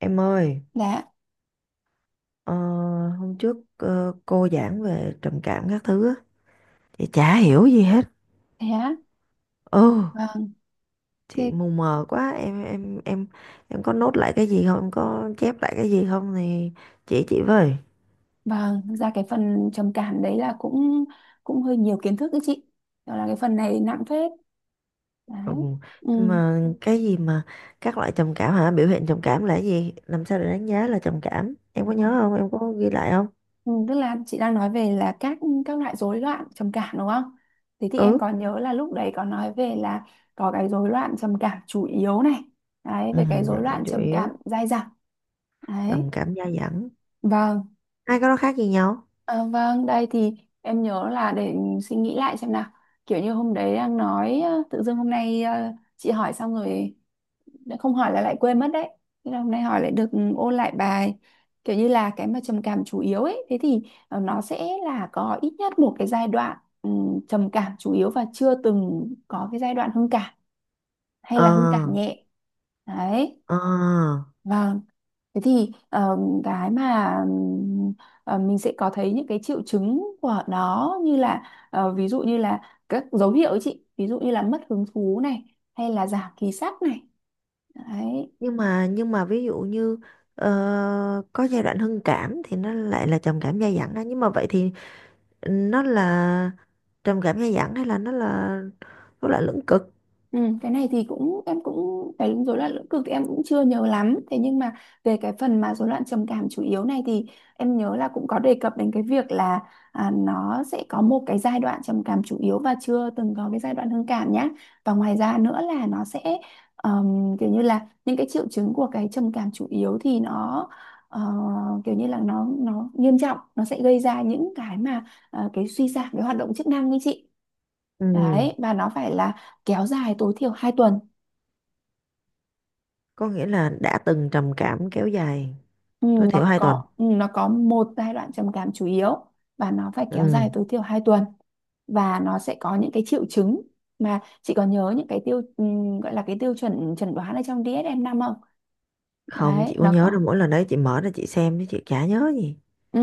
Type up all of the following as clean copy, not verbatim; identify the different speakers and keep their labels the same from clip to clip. Speaker 1: Em ơi,
Speaker 2: Dạ,
Speaker 1: ờ, hôm trước cô giảng về trầm cảm các thứ á, chị chả hiểu gì hết.
Speaker 2: thế á.
Speaker 1: Ừ,
Speaker 2: Vâng,
Speaker 1: chị
Speaker 2: thế,
Speaker 1: mù mờ quá. Em có nốt lại cái gì không? Em có chép lại cái gì không thì chỉ chị với.
Speaker 2: vâng, thực ra cái phần trầm cảm đấy là cũng cũng hơi nhiều kiến thức đấy chị. Đó là cái phần này nặng phết. Đấy.
Speaker 1: Ừ.
Speaker 2: Ừ.
Speaker 1: Nhưng mà cái gì mà các loại trầm cảm hả? Biểu hiện trầm cảm là cái gì? Làm sao để đánh giá là trầm cảm? Em có
Speaker 2: Ừ.
Speaker 1: nhớ không? Em có ghi lại không?
Speaker 2: Ừ, tức là chị đang nói về là các loại rối loạn trầm cảm đúng không? Thế thì em
Speaker 1: Ừ.
Speaker 2: còn nhớ là lúc đấy có nói về là có cái rối loạn trầm cảm chủ yếu này. Đấy, về
Speaker 1: Ừ,
Speaker 2: cái rối
Speaker 1: trầm cảm
Speaker 2: loạn
Speaker 1: chủ
Speaker 2: trầm cảm
Speaker 1: yếu,
Speaker 2: dai dẳng.
Speaker 1: trầm
Speaker 2: Đấy.
Speaker 1: cảm dai dẳng.
Speaker 2: Vâng.
Speaker 1: Hai cái đó khác gì nhau?
Speaker 2: À, vâng, đây thì em nhớ là để suy nghĩ lại xem nào. Kiểu như hôm đấy đang nói tự dưng hôm nay chị hỏi xong rồi đã không hỏi là lại quên mất đấy. Thế là hôm nay hỏi lại được ôn lại bài. Kiểu như là cái mà trầm cảm chủ yếu ấy, thế thì nó sẽ là có ít nhất một cái giai đoạn ừ, trầm cảm chủ yếu và chưa từng có cái giai đoạn hưng cảm hay là hưng cảm
Speaker 1: Ờ,
Speaker 2: nhẹ. Đấy.
Speaker 1: ờ.
Speaker 2: Vâng. Thế thì cái mà ừm, mình sẽ có thấy những cái triệu chứng của nó như là ví dụ như là các dấu hiệu ấy chị, ví dụ như là mất hứng thú này hay là giảm khí sắc này. Đấy.
Speaker 1: Nhưng mà ví dụ như ờ, có giai đoạn hưng cảm thì nó lại là trầm cảm dai dẳng á, nhưng mà vậy thì nó là trầm cảm dai dẳng hay là nó là lưỡng cực.
Speaker 2: Ừ, cái này thì cũng em cũng cái rối loạn lưỡng cực thì em cũng chưa nhớ lắm, thế nhưng mà về cái phần mà rối loạn trầm cảm chủ yếu này thì em nhớ là cũng có đề cập đến cái việc là à, nó sẽ có một cái giai đoạn trầm cảm chủ yếu và chưa từng có cái giai đoạn hưng cảm nhá. Và ngoài ra nữa là nó sẽ kiểu như là những cái triệu chứng của cái trầm cảm chủ yếu thì nó ờ, kiểu như là nó nghiêm trọng, nó sẽ gây ra những cái mà cái suy giảm cái hoạt động chức năng như chị.
Speaker 1: Ừ,
Speaker 2: Đấy, và nó phải là kéo dài tối thiểu 2 tuần.
Speaker 1: có nghĩa là đã từng trầm cảm kéo dài
Speaker 2: Ừ,
Speaker 1: tối
Speaker 2: nó
Speaker 1: thiểu 2 tuần.
Speaker 2: có ừ, nó có một giai đoạn trầm cảm chủ yếu và nó phải kéo
Speaker 1: Ừ,
Speaker 2: dài tối thiểu 2 tuần. Và nó sẽ có những cái triệu chứng mà chị có nhớ những cái gọi là cái tiêu chuẩn chẩn đoán ở trong DSM-5 không?
Speaker 1: không
Speaker 2: Đấy,
Speaker 1: chị có
Speaker 2: nó
Speaker 1: nhớ đâu,
Speaker 2: có.
Speaker 1: mỗi lần đấy chị mở ra chị xem chứ chị chả nhớ gì.
Speaker 2: Ừ,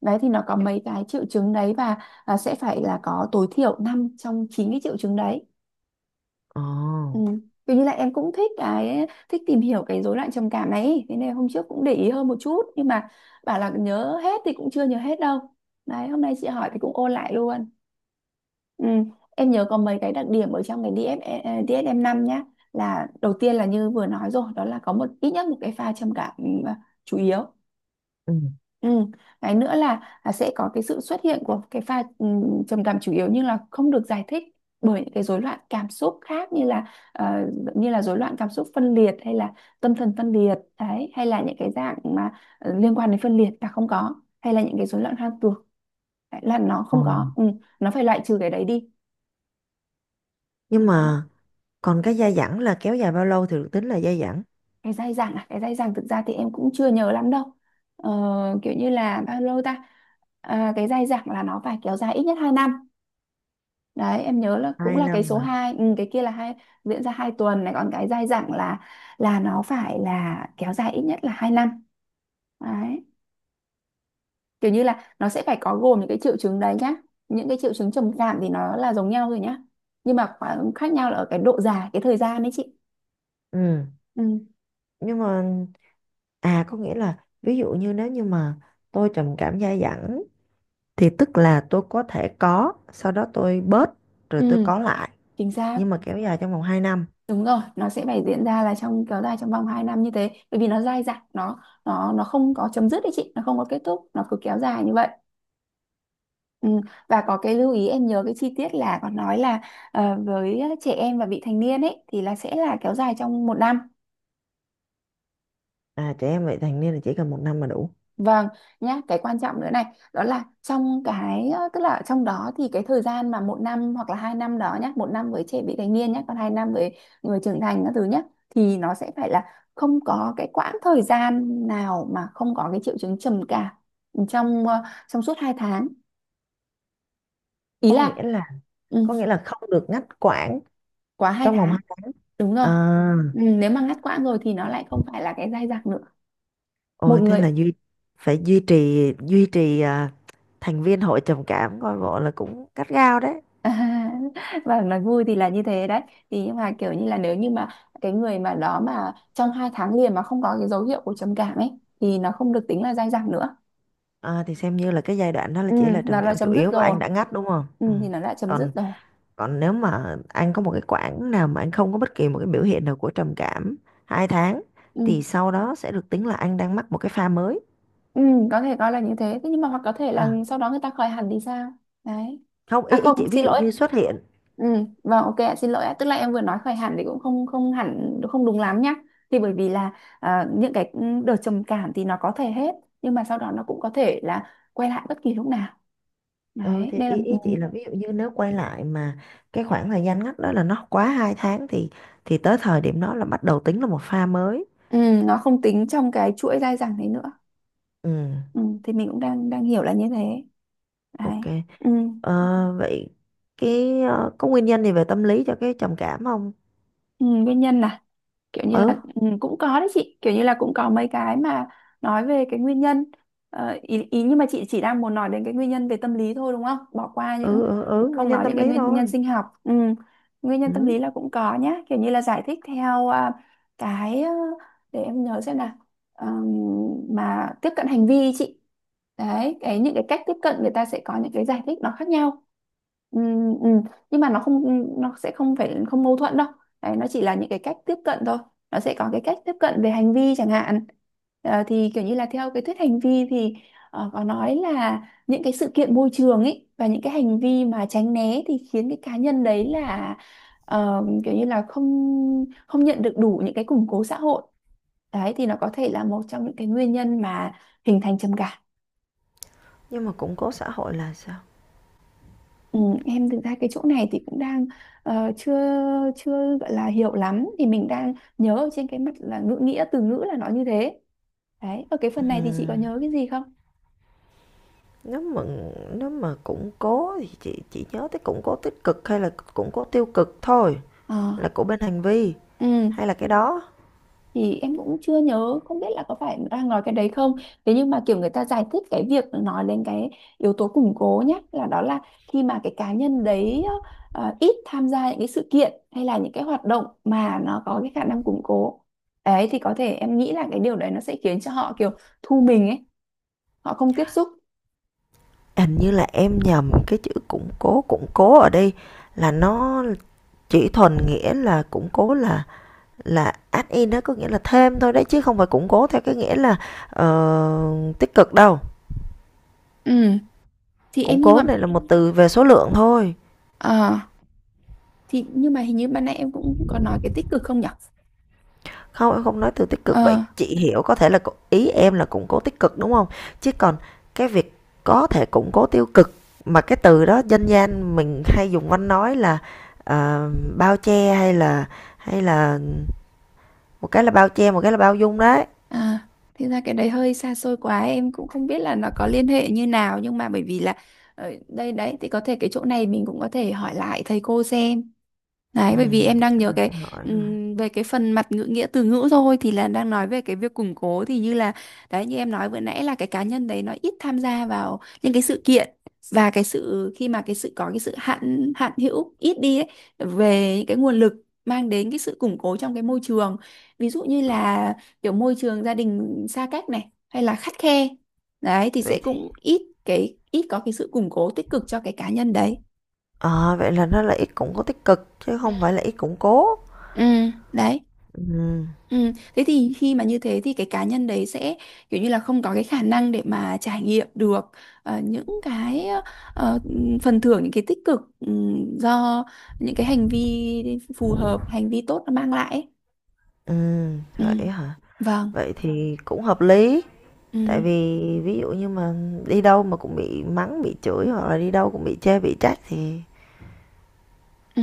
Speaker 2: đấy thì nó có mấy cái triệu chứng đấy và à, sẽ phải là có tối thiểu 5 trong 9 cái triệu chứng đấy. Ừ.
Speaker 1: Ồ,
Speaker 2: Kiểu như là em cũng thích cái thích tìm hiểu cái rối loạn trầm cảm này ý. Thế nên hôm trước cũng để ý hơn một chút nhưng mà bảo là nhớ hết thì cũng chưa nhớ hết đâu. Đấy, hôm nay chị hỏi thì cũng ôn lại luôn. Ừ. Em nhớ có mấy cái đặc điểm ở trong cái DF, DSM-5 nhá. Là đầu tiên là như vừa nói rồi, đó là có ít nhất một cái pha trầm cảm chủ yếu.
Speaker 1: ừ.
Speaker 2: Ừ. Cái nữa là sẽ có cái sự xuất hiện của cái pha trầm cảm chủ yếu nhưng là không được giải thích bởi những cái rối loạn cảm xúc khác, như là ờ, như là rối loạn cảm xúc phân liệt hay là tâm thần phân liệt đấy, hay là những cái dạng mà liên quan đến phân liệt là không có, hay là những cái rối loạn hoang tưởng. Đấy, là nó
Speaker 1: Ồ,
Speaker 2: không có, nó phải loại trừ cái đấy đi.
Speaker 1: nhưng
Speaker 2: Đó,
Speaker 1: mà còn cái dai dẳng là kéo dài bao lâu thì được tính là dai dẳng?
Speaker 2: cái dai dẳng thực ra thì em cũng chưa nhớ lắm đâu. Ờ, kiểu như là bao lâu ta. À, cái dai dẳng là nó phải kéo dài ít nhất 2 năm. Đấy em nhớ là cũng
Speaker 1: hai
Speaker 2: là cái
Speaker 1: năm
Speaker 2: số
Speaker 1: mà
Speaker 2: hai, cái kia là hai, diễn ra 2 tuần này, còn cái dai dẳng là nó phải là kéo dài ít nhất là 2 năm. Đấy, kiểu như là nó sẽ phải có gồm những cái triệu chứng đấy nhá, những cái triệu chứng trầm cảm thì nó là giống nhau rồi nhá, nhưng mà khoảng khác nhau là ở cái độ dài cái thời gian đấy chị.
Speaker 1: Ừ,
Speaker 2: ừ
Speaker 1: nhưng mà à, có nghĩa là ví dụ như nếu như mà tôi trầm cảm dai dẳng, thì tức là tôi có thể có, sau đó tôi bớt rồi tôi
Speaker 2: ừ
Speaker 1: có lại,
Speaker 2: Chính xác.
Speaker 1: nhưng mà kéo dài trong vòng 2 năm.
Speaker 2: Đúng rồi, nó sẽ phải diễn ra là trong kéo dài trong vòng 2 năm như thế, bởi vì nó dai dẳng, nó không có chấm dứt đấy chị, nó không có kết thúc, nó cứ kéo dài như vậy. Ừ, và có cái lưu ý em nhớ cái chi tiết là có nói là với trẻ em và vị thành niên ấy thì là sẽ là kéo dài trong 1 năm.
Speaker 1: À, trẻ em vị thành niên là chỉ cần 1 năm là đủ.
Speaker 2: Vâng, nhá. Cái quan trọng nữa này đó là trong cái tức là trong đó thì cái thời gian mà 1 năm hoặc là 2 năm đó nhá, 1 năm với trẻ vị thành niên nhá, còn 2 năm với người trưởng thành các thứ nhá, thì nó sẽ phải là không có cái quãng thời gian nào mà không có cái triệu chứng trầm cảm trong trong suốt 2 tháng. Ý
Speaker 1: có
Speaker 2: là
Speaker 1: nghĩa là
Speaker 2: ừ,
Speaker 1: có nghĩa là không được ngắt quãng
Speaker 2: quá hai
Speaker 1: trong vòng
Speaker 2: tháng
Speaker 1: 2 năm.
Speaker 2: Đúng rồi.
Speaker 1: À,
Speaker 2: Ừ, nếu mà ngắt quãng rồi thì nó lại không phải là cái dai dẳng nữa. Một
Speaker 1: ôi, thế
Speaker 2: người
Speaker 1: là phải duy trì à, thành viên hội trầm cảm coi bộ là cũng gắt gao đấy.
Speaker 2: và nói vui thì là như thế đấy. Thì nhưng mà kiểu như là nếu như mà cái người mà đó mà trong 2 tháng liền mà không có cái dấu hiệu của trầm cảm ấy thì nó không được tính là dai dẳng nữa.
Speaker 1: À, thì xem như là cái giai đoạn đó là
Speaker 2: Ừ,
Speaker 1: chỉ là
Speaker 2: nó
Speaker 1: trầm
Speaker 2: đã
Speaker 1: cảm chủ
Speaker 2: chấm dứt
Speaker 1: yếu và
Speaker 2: rồi.
Speaker 1: anh đã ngắt, đúng không?
Speaker 2: Ừ,
Speaker 1: Ừ.
Speaker 2: thì nó đã chấm dứt
Speaker 1: còn
Speaker 2: rồi.
Speaker 1: Còn nếu mà anh có một cái quãng nào mà anh không có bất kỳ một cái biểu hiện nào của trầm cảm 2 tháng
Speaker 2: Ừ.
Speaker 1: thì sau đó sẽ được tính là anh đang mắc một cái pha mới.
Speaker 2: Ừ, có thể coi là như thế. Thế nhưng mà hoặc có thể là
Speaker 1: À,
Speaker 2: sau đó người ta khởi hẳn thì sao? Đấy.
Speaker 1: không,
Speaker 2: À
Speaker 1: ý ý
Speaker 2: không,
Speaker 1: chị ví
Speaker 2: xin
Speaker 1: dụ
Speaker 2: lỗi.
Speaker 1: như xuất hiện.
Speaker 2: Ừ, vâng ok ạ, xin lỗi ạ. Tức là em vừa nói khởi hẳn thì cũng không không hẳn không đúng lắm nhá. Thì bởi vì là à, những cái đợt trầm cảm thì nó có thể hết nhưng mà sau đó nó cũng có thể là quay lại bất kỳ lúc nào.
Speaker 1: Ừ
Speaker 2: Đấy,
Speaker 1: thì
Speaker 2: đây là
Speaker 1: ý ý chị là ví dụ như nếu quay lại mà cái khoảng thời gian ngắt đó là nó quá 2 tháng thì tới thời điểm đó là bắt đầu tính là một pha mới.
Speaker 2: ừ, nó không tính trong cái chuỗi dai dẳng đấy nữa.
Speaker 1: Ừ,
Speaker 2: Ừ, thì mình cũng đang đang hiểu là như thế. Đấy.
Speaker 1: ok.
Speaker 2: Ừ.
Speaker 1: Ờ, vậy cái có nguyên nhân gì về tâm lý cho cái trầm cảm không?
Speaker 2: Ừ, nguyên nhân là kiểu như
Speaker 1: Ừ,
Speaker 2: là cũng có đấy chị, kiểu như là cũng có mấy cái mà nói về cái nguyên nhân. Ờ, ý nhưng mà chị chỉ đang muốn nói đến cái nguyên nhân về tâm lý thôi đúng không, bỏ qua những
Speaker 1: ừ, ừ, ừ, nguyên
Speaker 2: không
Speaker 1: nhân
Speaker 2: nói những
Speaker 1: tâm
Speaker 2: cái
Speaker 1: lý
Speaker 2: nguyên nhân
Speaker 1: thôi.
Speaker 2: sinh học ừ. Nguyên nhân tâm
Speaker 1: Ừ.
Speaker 2: lý là cũng có nhá, kiểu như là giải thích theo à, cái để em nhớ xem nào. Ờm, mà tiếp cận hành vi ý chị, đấy cái những cái cách tiếp cận người ta sẽ có những cái giải thích nó khác nhau. Ừm, ừm. Nhưng mà nó không nó sẽ không phải không mâu thuẫn đâu. Đấy, nó chỉ là những cái cách tiếp cận thôi, nó sẽ có cái cách tiếp cận về hành vi chẳng hạn. Ờ, thì kiểu như là theo cái thuyết hành vi thì có nói là những cái sự kiện môi trường ấy và những cái hành vi mà tránh né thì khiến cái cá nhân đấy là kiểu như là không không nhận được đủ những cái củng cố xã hội. Đấy thì nó có thể là một trong những cái nguyên nhân mà hình thành trầm cảm.
Speaker 1: Nhưng mà củng cố xã hội là sao?
Speaker 2: Ừ, em thực ra cái chỗ này thì cũng đang ờ, chưa chưa gọi là hiểu lắm, thì mình đang nhớ ở trên cái mặt là ngữ nghĩa từ ngữ là nó như thế. Đấy, ở cái phần này thì chị có
Speaker 1: Ừm,
Speaker 2: nhớ cái gì không?
Speaker 1: nếu mà nếu mà củng cố thì chị chỉ nhớ tới củng cố tích cực hay là củng cố tiêu cực thôi,
Speaker 2: ờ
Speaker 1: là của bên hành vi
Speaker 2: ừ.
Speaker 1: hay là cái đó?
Speaker 2: Thì em cũng chưa nhớ, không biết là có phải đang nói cái đấy không, thế nhưng mà kiểu người ta giải thích cái việc nói lên cái yếu tố củng cố nhé, là đó là khi mà cái cá nhân đấy ít tham gia những cái sự kiện hay là những cái hoạt động mà nó có cái khả năng củng cố ấy, thì có thể em nghĩ là cái điều đấy nó sẽ khiến cho họ kiểu thu mình ấy, họ không tiếp xúc.
Speaker 1: Hình như là em nhầm cái chữ củng cố ở đây là nó chỉ thuần nghĩa là củng cố, là add in đó, có nghĩa là thêm thôi đấy, chứ không phải củng cố theo cái nghĩa là tích cực đâu.
Speaker 2: ừ thì em
Speaker 1: Củng
Speaker 2: như mà
Speaker 1: cố này là một từ về số lượng thôi.
Speaker 2: ờ thì nhưng mà hình như ban nãy em cũng có nói cái tích cực không nhỉ?
Speaker 1: Không, em không nói từ tích cực, vậy
Speaker 2: Ờ
Speaker 1: chị hiểu có thể là ý em là củng cố tích cực, đúng không? Chứ còn cái việc có thể củng cố tiêu cực mà cái từ đó dân gian mình hay dùng quanh nói là, ờ, bao che hay là hay là một cái là bao che, một cái là bao dung đấy.
Speaker 2: À, thì ra cái đấy hơi xa xôi quá, em cũng không biết là nó có liên hệ như nào, nhưng mà bởi vì là ờ, đây đấy thì có thể cái chỗ này mình cũng có thể hỏi lại thầy cô xem. Đấy, bởi vì em đang
Speaker 1: Chắc
Speaker 2: nhớ
Speaker 1: là
Speaker 2: cái
Speaker 1: phải hỏi rồi.
Speaker 2: về cái phần mặt ngữ nghĩa từ ngữ thôi thì là đang nói về cái việc củng cố, thì như là đấy như em nói vừa nãy là cái cá nhân đấy nó ít tham gia vào những cái sự kiện, và cái sự khi mà cái sự có cái sự hạn hạn hữu ít đi ấy, về những cái nguồn lực mang đến cái sự củng cố trong cái môi trường. Ví dụ như là kiểu môi trường gia đình xa cách này hay là khắt khe, đấy thì sẽ
Speaker 1: Vậy thì
Speaker 2: cũng ít có cái sự củng cố tích cực cho cái cá nhân đấy.
Speaker 1: ờ, vậy là nó là ít củng cố tích cực chứ không phải là ít củng cố.
Speaker 2: Ừ. Đấy.
Speaker 1: Ừm,
Speaker 2: Ừ. Thế thì khi mà như thế thì cái cá nhân đấy sẽ kiểu như là không có cái khả năng để mà trải nghiệm được ờ, những cái ờ, phần thưởng những cái tích cực, do những cái hành vi phù hợp hành vi tốt nó mang lại ấy. Ừ.
Speaker 1: vậy hả?
Speaker 2: Vâng.
Speaker 1: Vậy thì cũng hợp lý. Tại
Speaker 2: Ừ.
Speaker 1: vì ví dụ như mà đi đâu mà cũng bị mắng, bị chửi, hoặc là đi đâu cũng bị chê, bị trách thì
Speaker 2: Ừ,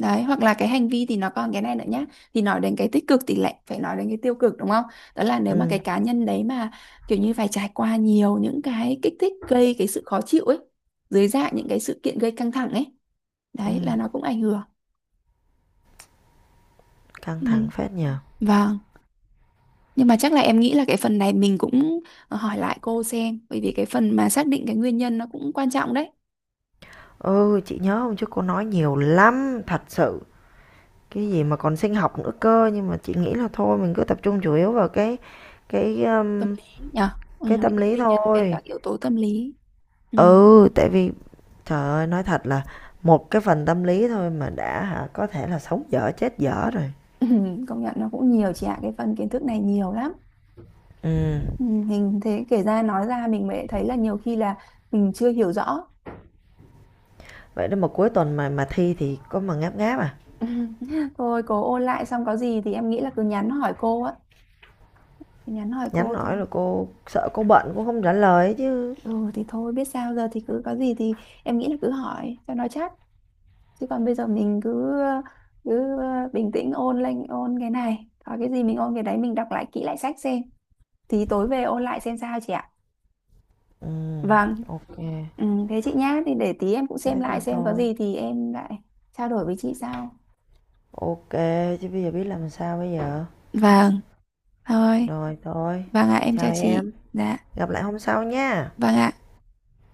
Speaker 2: đấy hoặc là cái hành vi thì nó còn cái này nữa nhá, thì nói đến cái tích cực thì lại phải nói đến cái tiêu cực đúng không, đó là nếu mà
Speaker 1: ừm,
Speaker 2: cái cá nhân đấy mà kiểu như phải trải qua nhiều những cái kích thích gây cái sự khó chịu ấy, dưới dạng những cái sự kiện gây căng thẳng ấy, đấy
Speaker 1: ừm,
Speaker 2: là nó cũng ảnh hưởng
Speaker 1: căng
Speaker 2: ừ.
Speaker 1: thẳng phết nhờ.
Speaker 2: Vâng, nhưng mà chắc là em nghĩ là cái phần này mình cũng hỏi lại cô xem, bởi vì cái phần mà xác định cái nguyên nhân nó cũng quan trọng đấy.
Speaker 1: Ừ, chị nhớ không, trước cô nói nhiều lắm, thật sự. Cái gì mà còn sinh học nữa cơ, nhưng mà chị nghĩ là thôi mình cứ tập trung chủ yếu vào cái cái
Speaker 2: Tâm
Speaker 1: um,
Speaker 2: lý nhở. Ừ,
Speaker 1: cái
Speaker 2: những
Speaker 1: tâm
Speaker 2: cái
Speaker 1: lý
Speaker 2: nguyên nhân về
Speaker 1: thôi.
Speaker 2: các yếu tố tâm lý ừ.
Speaker 1: Ừ, tại vì trời ơi nói thật là một cái phần tâm lý thôi mà đã hả, có thể là sống dở chết dở rồi.
Speaker 2: Ừ, công nhận nó cũng nhiều chị ạ, cái phần kiến thức này nhiều lắm
Speaker 1: Ừ,
Speaker 2: ừ. Mình thế kể ra nói ra mình mới thấy là nhiều khi là mình chưa hiểu rõ.
Speaker 1: vậy đó mà cuối tuần mà thi thì có mà ngáp ngáp à?
Speaker 2: Ừ, thôi cố ôn lại xong có gì thì em nghĩ là cứ nhắn hỏi cô á, nhắn hỏi
Speaker 1: Nhắn
Speaker 2: cô thì
Speaker 1: nói là cô sợ, cô bận, cô không trả lời chứ.
Speaker 2: ừ thì thôi biết sao giờ, thì cứ có gì thì em nghĩ là cứ hỏi cho nó chắc. Chứ còn bây giờ mình cứ cứ bình tĩnh ôn lên, ôn cái này có cái gì mình ôn cái đấy, mình đọc lại kỹ lại sách xem, thì tối về ôn lại xem sao chị ạ.
Speaker 1: Ừ,
Speaker 2: Vâng.
Speaker 1: ok.
Speaker 2: Ừ, thế chị nhá, thì để tí em cũng xem
Speaker 1: Thế thì
Speaker 2: lại xem có
Speaker 1: thôi.
Speaker 2: gì thì em lại trao đổi với chị sau.
Speaker 1: Ok, chứ bây giờ biết làm sao bây giờ.
Speaker 2: Vâng, thôi.
Speaker 1: Rồi thôi.
Speaker 2: Vâng ạ, em
Speaker 1: Chào
Speaker 2: chào chị.
Speaker 1: em,
Speaker 2: Dạ.
Speaker 1: gặp lại hôm sau nha.
Speaker 2: Vâng ạ.